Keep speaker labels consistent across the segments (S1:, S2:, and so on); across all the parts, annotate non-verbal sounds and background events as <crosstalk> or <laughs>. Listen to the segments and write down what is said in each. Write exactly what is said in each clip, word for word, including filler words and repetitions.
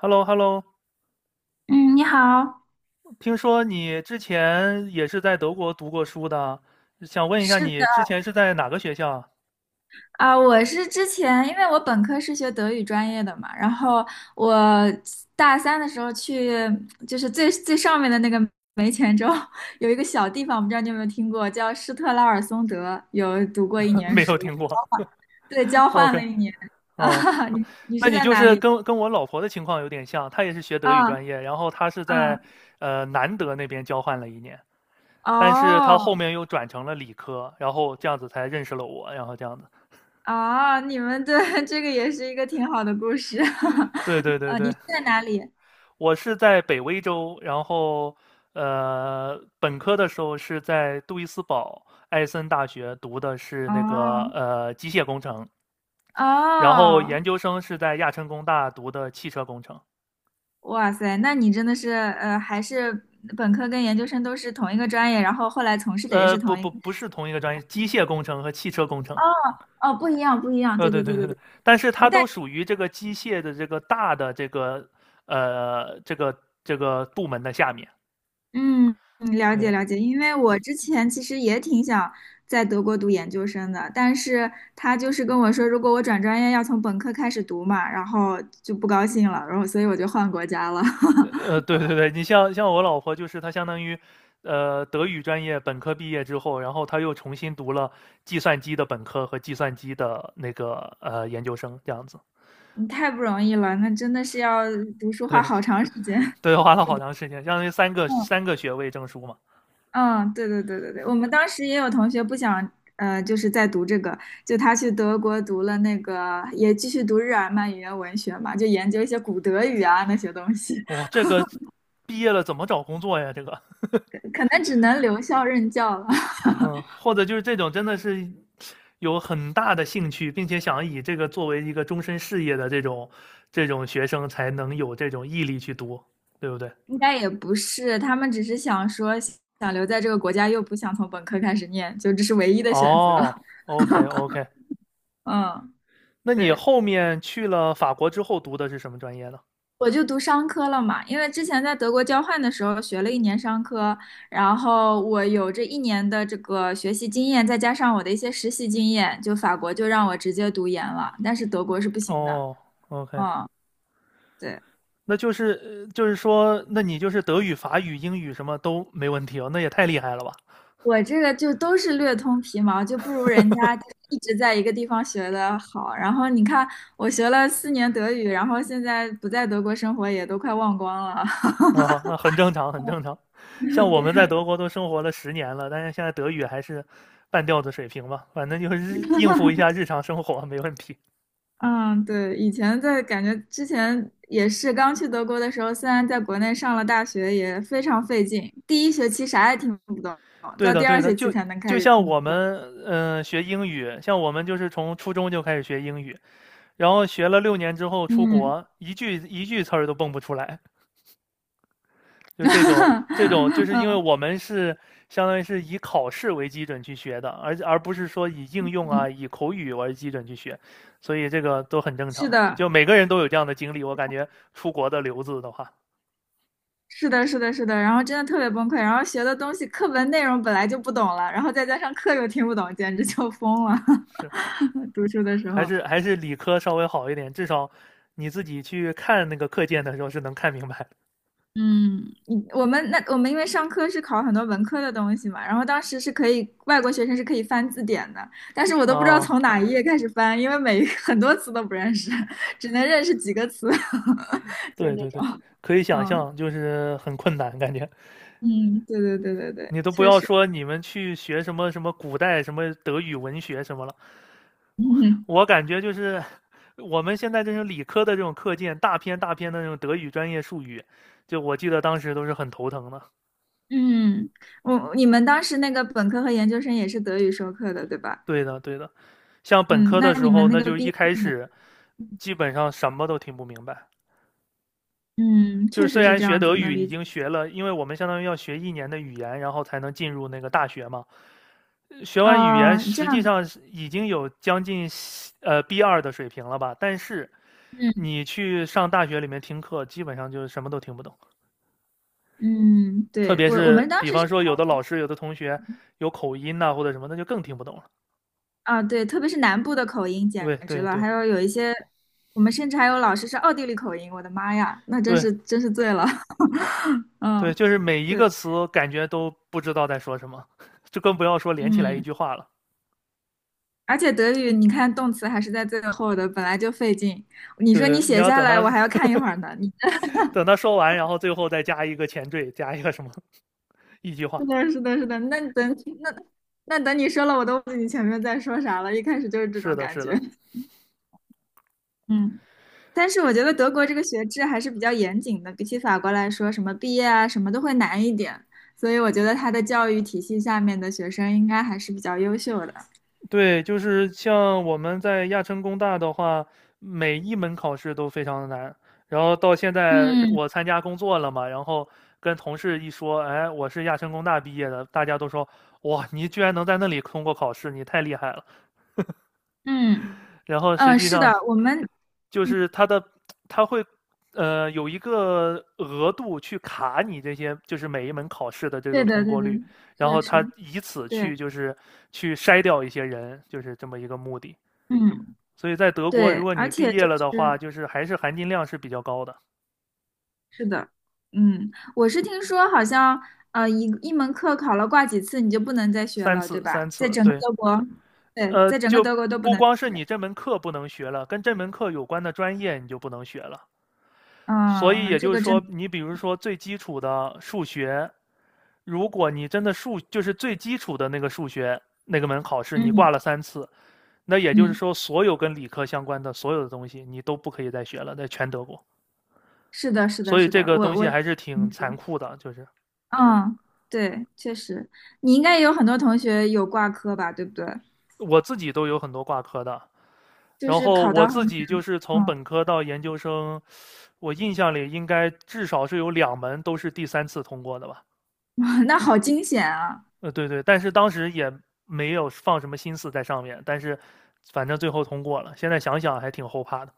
S1: h e l l o h e l l o
S2: 嗯，你好，
S1: 听说你之前也是在德国读过书的，想问一下
S2: 是
S1: 你
S2: 的，
S1: 之前是在哪个学校啊。
S2: 啊、我是之前，因为我本科是学德语专业的嘛，然后我大三的时候去，就是最最上面的那个煤前州 <laughs> 有一个小地方，我不知道你有没有听过，叫施特拉尔松德，有读过一
S1: <laughs>
S2: 年
S1: 没
S2: 书，
S1: 有听过。
S2: 对，交换
S1: OK。
S2: 了一年。<laughs>
S1: <laughs> 嗯。
S2: 啊，你你
S1: 那
S2: 是
S1: 你
S2: 在
S1: 就
S2: 哪
S1: 是
S2: 里？
S1: 跟跟我老婆的情况有点像，她也是学德语专
S2: 啊
S1: 业，然后她是在
S2: 啊
S1: 呃南德那边交换了一年，但是她后
S2: 哦
S1: 面又转成了理科，然后这样子才认识了我，然后这样子。
S2: 哦，你们对 <laughs> 这个也是一个挺好的故事，
S1: 对对对对。
S2: <laughs> 在哪里？
S1: 我是在北威州，然后呃，本科的时候是在杜伊斯堡艾森大学读的是那个
S2: 哦
S1: 呃机械工程，然后
S2: 哦
S1: 研究生是在亚琛工大读的汽车工程。
S2: 哇塞，那你真的是呃，还是本科跟研究生都是同一个专业，然后后来从事的也
S1: 呃，
S2: 是
S1: 不
S2: 同一
S1: 不
S2: 个。
S1: 不是同一个专业，机械工程和汽车工
S2: 哦
S1: 程。
S2: 哦，不一样，不一样。
S1: 呃，
S2: 对
S1: 对
S2: 对
S1: 对
S2: 对
S1: 对
S2: 对
S1: 对。
S2: 对。
S1: 但是
S2: 我
S1: 它
S2: 但
S1: 都属于这个机械的这个大的这个呃这个这个部门的下面。
S2: 嗯，嗯了解
S1: 对。
S2: 了解，因为我之前其实也挺想在德国读研究生的，但是他就是跟我说，如果我转专业要从本科开始读嘛，然后就不高兴了，然后所以我就换国家了。<laughs>
S1: 呃，对对对，你像像我老婆，就是她相当于，呃，德语专业本科毕业之后，然后她又重新读了计算机的本科和计算机的那个呃研究生，这样子。
S2: 你太不容易了，那真的是要读书花
S1: 对
S2: 好长时间。
S1: 对，花了好长时间，相当于三个
S2: <laughs> 嗯。
S1: 三个学位证书嘛。
S2: 嗯，对对对对对，我们当时也有同学不想，呃，就是在读这个，就他去德国读了那个，也继续读日耳曼语言文学嘛，就研究一些古德语啊那些东西，
S1: 哇，
S2: <laughs>
S1: 这个毕业了怎么找工作呀？这个。
S2: 可能只能留校任教了，<laughs>
S1: 嗯，或者就是这种真的是有很大的兴趣，并且想以这个作为一个终身事业的这种这种学生，才能有这种毅力去读，对不对？
S2: 应该也不是，他们只是想说想留在这个国家，又不想从本科开始念，就这是唯一的选择。
S1: 哦
S2: <laughs>
S1: ，OK OK。
S2: 嗯，
S1: 那你
S2: 对。
S1: 后面去了法国之后读的是什么专业呢？
S2: 我就读商科了嘛，因为之前在德国交换的时候学了一年商科，然后我有这一年的这个学习经验，再加上我的一些实习经验，就法国就让我直接读研了，但是德国是不行的。
S1: 哦，OK。
S2: 嗯，对，
S1: 那就是呃就是说，那你就是德语、法语、英语什么都没问题哦，那也太厉害了吧？
S2: 我这个就都是略通皮毛，就不如人家就是一直在一个地方学的好。然后你看，我学了四年德语，然后现在不在德国生活也都快忘光了。
S1: 啊，那很正常，很正常。像
S2: <laughs>
S1: 我们在
S2: 对，
S1: 德国都生活了十年了，但是现在德语还是半吊子水平吧，反正就是日应付一下日常生活没问题。
S2: 嗯，对，以前在感觉之前也是刚去德国的时候，虽然在国内上了大学，也非常费劲，第一学期啥也听不懂，
S1: 对
S2: 到
S1: 的，
S2: 第
S1: 对
S2: 二
S1: 的，
S2: 学期
S1: 就
S2: 才能开
S1: 就
S2: 始
S1: 像
S2: 听
S1: 我
S2: 懂。
S1: 们嗯、呃学英语，像我们就是从初中就开始学英语，然后学了六年之后出
S2: 嗯，
S1: 国，一句一句词儿都蹦不出来，就
S2: <laughs>
S1: 这种这种，就是因为
S2: 嗯
S1: 我们是相当于是以考试为基准去学的，而而不是说以应用啊、以口语为基准去学，所以这个都很正
S2: 是
S1: 常，
S2: 的，
S1: 就每个人都有这样的经历。我感觉出国的留子的话，
S2: 是的，是的，是的，然后真的特别崩溃，然后学的东西课文内容本来就不懂了，然后再加上课又听不懂，简直就疯了。
S1: 是
S2: <laughs> 读书的时
S1: 还
S2: 候，
S1: 是还是理科稍微好一点，至少你自己去看那个课件的时候是能看明白的
S2: 嗯，你我们那我们因为上课是考很多文科的东西嘛，然后当时是可以外国学生是可以翻字典的，但是我都不知道
S1: 啊、
S2: 从哪一页开始翻，因为每一个很多词都不认识，只能认识几个词，<laughs> 就是
S1: 对
S2: 这
S1: 对对，
S2: 种。
S1: 可以想
S2: 嗯
S1: 象，就是很困难感觉。
S2: 嗯，对对对对对，
S1: 你都不
S2: 确
S1: 要
S2: 实。
S1: 说你们去学什么什么古代什么德语文学什么了，
S2: 嗯
S1: 我感觉就是我们现在这种理科的这种课件，大篇大篇的那种德语专业术语，就我记得当时都是很头疼的。
S2: 嗯，我你们当时那个本科和研究生也是德语授课的，对吧？
S1: 对的，对的，像本
S2: 嗯，
S1: 科
S2: 那
S1: 的
S2: 你
S1: 时候，
S2: 们那
S1: 那
S2: 个
S1: 就
S2: 毕
S1: 一
S2: 业
S1: 开
S2: 呢
S1: 始基本上什么都听不明白。
S2: 嗯，
S1: 就是
S2: 确
S1: 虽
S2: 实是
S1: 然
S2: 这
S1: 学
S2: 样子，
S1: 德
S2: 能
S1: 语已
S2: 理解。
S1: 经学了，因为我们相当于要学一年的语言，然后才能进入那个大学嘛。学完语言，
S2: 哦，这
S1: 实际
S2: 样子。
S1: 上是已经有将近呃 b 二的水平了吧？但是
S2: 嗯
S1: 你去上大学里面听课，基本上就是什么都听不懂。
S2: 嗯，
S1: 特
S2: 对，
S1: 别
S2: 我我
S1: 是
S2: 们当
S1: 比
S2: 时是。
S1: 方说，有的老师、有的同学有口音呐、或者什么，那就更听不懂了。
S2: 啊，对，特别是南部的口音简
S1: 对
S2: 直
S1: 对
S2: 了，
S1: 对
S2: 还有有一些，我们甚至还有老师是奥地利口音，我的妈呀，那真
S1: 对
S2: 是真是醉了。<laughs>
S1: 对，
S2: 嗯，
S1: 就是每一个
S2: 对，
S1: 词感觉都不知道在说什么，<laughs> 就更不要说连起来一
S2: 嗯，
S1: 句话了。
S2: 而且德语你看动词还是在最后的，本来就费劲，你
S1: 对
S2: 说你
S1: 对，你
S2: 写
S1: 要
S2: 下
S1: 等
S2: 来，
S1: 他
S2: 我还要看一会儿呢。你
S1: 等他说完，然后最后再加一个前缀，加一个什么 <laughs> 一句话。
S2: 是的，是的，是的，那等那那等你说了，我都忘记你前面在说啥了，一开始就是这
S1: 是
S2: 种
S1: 的，
S2: 感
S1: 是
S2: 觉。
S1: 的。
S2: <laughs> 嗯。但是我觉得德国这个学制还是比较严谨的，比起法国来说，什么毕业啊，什么都会难一点。所以我觉得它的教育体系下面的学生应该还是比较优秀的。
S1: 对，就是像我们在亚琛工大的话，每一门考试都非常的难。然后到现在
S2: 嗯
S1: 我参加工作了嘛，然后跟同事一说，哎，我是亚琛工大毕业的，大家都说，哇，你居然能在那里通过考试，你太厉害了。
S2: 嗯
S1: 然后实
S2: 嗯，
S1: 际
S2: 是的，
S1: 上
S2: 我们，
S1: 就
S2: 嗯
S1: 是他的，他会呃有一个额度去卡你这些，就是每一门考试的这个
S2: 对的
S1: 通
S2: 对
S1: 过
S2: 的，
S1: 率，
S2: 是
S1: 然
S2: 的
S1: 后
S2: 是
S1: 他
S2: 的，
S1: 以此
S2: 对，
S1: 去就是去筛掉一些人，就是这么一个目的。
S2: 嗯
S1: 所以在德国，
S2: 对，
S1: 如果
S2: 而
S1: 你毕
S2: 且
S1: 业
S2: 就
S1: 了的话，
S2: 是
S1: 就是还是含金量是比较高的。
S2: 是的，嗯，我是听说好像呃一一门课考了挂几次你就不能再学
S1: 三
S2: 了，对
S1: 次三
S2: 吧？在
S1: 次，
S2: 整个
S1: 对。
S2: 德国，对，
S1: 呃，
S2: 在整个
S1: 就
S2: 德国都不
S1: 不
S2: 能。
S1: 光是你这门课不能学了，跟这门课有关的专业你就不能学了。所以
S2: 嗯，
S1: 也
S2: 这
S1: 就是
S2: 个真
S1: 说，
S2: 的
S1: 你比如说最基础的数学，如果你真的数就是最基础的那个数学那个门考试，你
S2: 嗯
S1: 挂了三次，那也就是
S2: 嗯。
S1: 说，所有跟理科相关的所有的东西你都不可以再学了，在全德国。
S2: 是的，是的，
S1: 所以
S2: 是
S1: 这
S2: 的，
S1: 个
S2: 我
S1: 东
S2: 我，
S1: 西还是挺残酷的，就是
S2: 嗯，对，确实，你应该也有很多同学有挂科吧，对不对？
S1: 我自己都有很多挂科的，
S2: 就
S1: 然
S2: 是
S1: 后
S2: 考
S1: 我
S2: 到
S1: 自
S2: 很，
S1: 己就是从
S2: 嗯，
S1: 本科到研究生，我印象里应该至少是有两门都是第三次通过的吧？
S2: <laughs> 那好惊险啊！
S1: 呃，对对，但是当时也没有放什么心思在上面，但是反正最后通过了。现在想想还挺后怕的。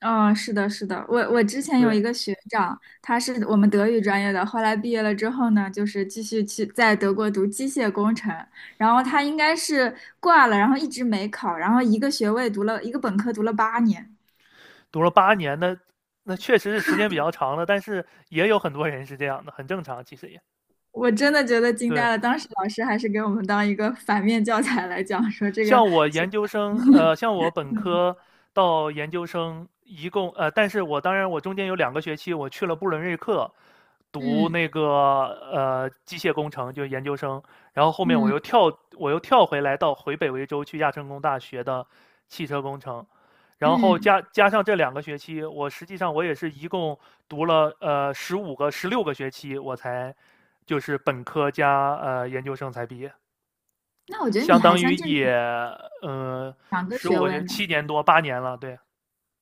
S2: 嗯，是的，是的，我我之前有
S1: 对，
S2: 一个学长，他是我们德语专业的，后来毕业了之后呢，就是继续去在德国读机械工程，然后他应该是挂了，然后一直没考，然后一个学位读了一个本科读了八年。
S1: 读了八年的，那确实是时间比较长了，但是也有很多人是这样的，很正常，其实也
S2: 我真的觉得惊呆
S1: 对。
S2: 了，当时老师还是给我们当一个反面教材来讲，说这个
S1: 像我
S2: 是
S1: 研究生，呃，像我本科到研究生，一共呃，但是我当然我中间有两个学期我去了布伦瑞克，读
S2: 嗯
S1: 那个呃机械工程，就是研究生，然后后面我
S2: 嗯
S1: 又跳我又跳回来到回北维州去亚琛工大学的汽车工程，然后
S2: 嗯，
S1: 加加上这两个学期，我实际上我也是一共读了呃十五个十六个学期，我才就是本科加呃研究生才毕业。
S2: 那我觉得你
S1: 相
S2: 还
S1: 当
S2: 算
S1: 于
S2: 正
S1: 也
S2: 常，
S1: 呃
S2: 两个
S1: 十五
S2: 学
S1: 个
S2: 位
S1: 学
S2: 呢，
S1: 七年多八年了，对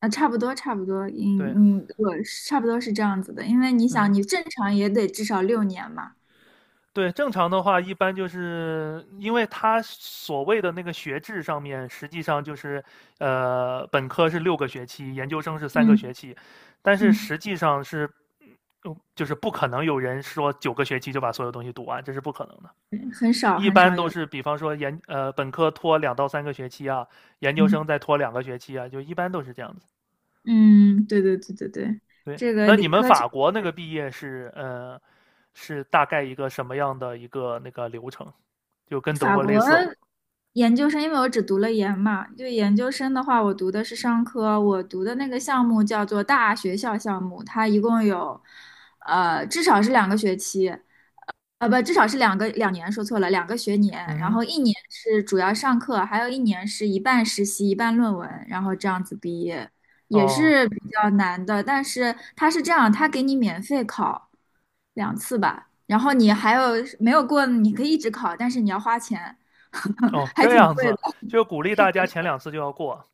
S2: 啊，差不多差不多，
S1: 对，
S2: 嗯嗯，我是差不多是这样子的，因为你想，
S1: 嗯
S2: 你正常也得至少六年嘛，
S1: 对，正常的话一般就是因为他所谓的那个学制上面，实际上就是呃本科是六个学期，研究生是三个学
S2: 嗯
S1: 期，但是
S2: 嗯，
S1: 实际上是。嗯就是不可能有人说九个学期就把所有东西读完，这是不可能的。
S2: 少
S1: 一
S2: 很
S1: 般
S2: 少
S1: 都
S2: 有，
S1: 是，比方说研呃本科拖两到三个学期啊，研究
S2: 嗯
S1: 生再拖两个学期啊，就一般都是这样子。
S2: 嗯，对对对对对，
S1: 对，
S2: 这个
S1: 那你
S2: 理
S1: 们
S2: 科确
S1: 法国那个毕业是，呃，是大概一个什么样的一个那个流程？就跟德
S2: 法
S1: 国类
S2: 国。
S1: 似吗？
S2: 研究生，因为我只读了研嘛，就研究生的话，我读的是商科，我读的那个项目叫做大学校项目，它一共有，呃，至少是两个学期，呃，不，至少是两个两年，说错了，两个学年，然
S1: 嗯
S2: 后一年是主要上课，还有一年是一半实习，一半论文，然后这样子毕业，
S1: 哼，
S2: 也
S1: 哦
S2: 是比较难的，但是它是这样，它给你免费考两次吧，然后你还有没有过，你可以一直考，但是你要花钱。
S1: 哦，
S2: <laughs> 还
S1: 这
S2: 挺
S1: 样
S2: 贵的。
S1: 子，就鼓励大家前两次就要过，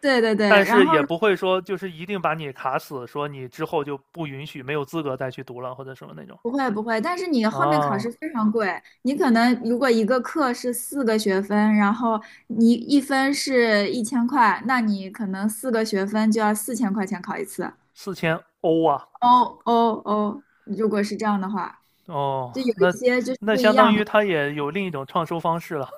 S2: 对对
S1: 但
S2: 对，然
S1: 是
S2: 后
S1: 也不会说就是一定把你卡死，说你之后就不允许，没有资格再去读了或者什么那种。
S2: 不会不会，但是你后面考试
S1: 啊，
S2: 非常贵，你可能如果一个课是四个学分，然后你一分是一千块，那你可能四个学分就要四千块钱考一次。
S1: 四千欧啊，
S2: 哦哦哦，如果是这样的话，
S1: 哦，
S2: 就有一
S1: 那
S2: 些就是
S1: 那
S2: 不一
S1: 相当
S2: 样的。
S1: 于他也有另一种创收方式了。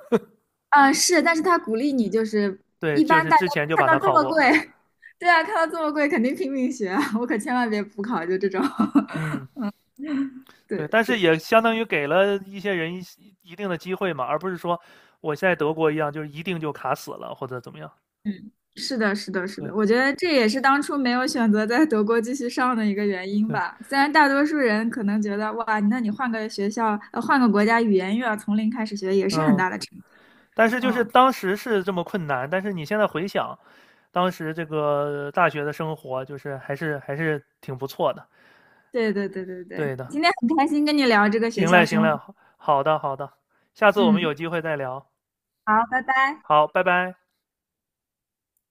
S2: 嗯，是，但是他鼓励你，就是
S1: 对，
S2: 一
S1: 就
S2: 般
S1: 是
S2: 大家
S1: 之前就
S2: 看
S1: 把
S2: 到
S1: 它
S2: 这
S1: 考
S2: 么贵，
S1: 过。
S2: <laughs> 对啊，看到这么贵肯定拼命学啊，我可千万别补考，就这种，
S1: 嗯，
S2: <laughs>
S1: 对，
S2: 对。
S1: 但是也相当于给了一些人一一定的机会嘛，而不是说我现在德国一样，就是一定就卡死了或者怎么样。
S2: 嗯，是的，是的，是
S1: 对
S2: 的，我觉得这也是当初没有选择在德国继续上的一个原因
S1: 对，
S2: 吧。虽然大多数人可能觉得，哇，那你换个学校，呃，换个国家，语言又要从零开始学，也是很
S1: 嗯，
S2: 大的成就。
S1: 但是就是
S2: 嗯，
S1: 当时是这么困难，但是你现在回想，当时这个大学的生活，就是还是还是挺不错的。
S2: 对对对对对，
S1: 对的，
S2: 今天很开心跟你聊这个学
S1: 行
S2: 校
S1: 嘞行
S2: 生活。
S1: 嘞，好的好的，下次我们
S2: 嗯，
S1: 有机会再聊。
S2: 好，拜拜。
S1: 好，拜拜。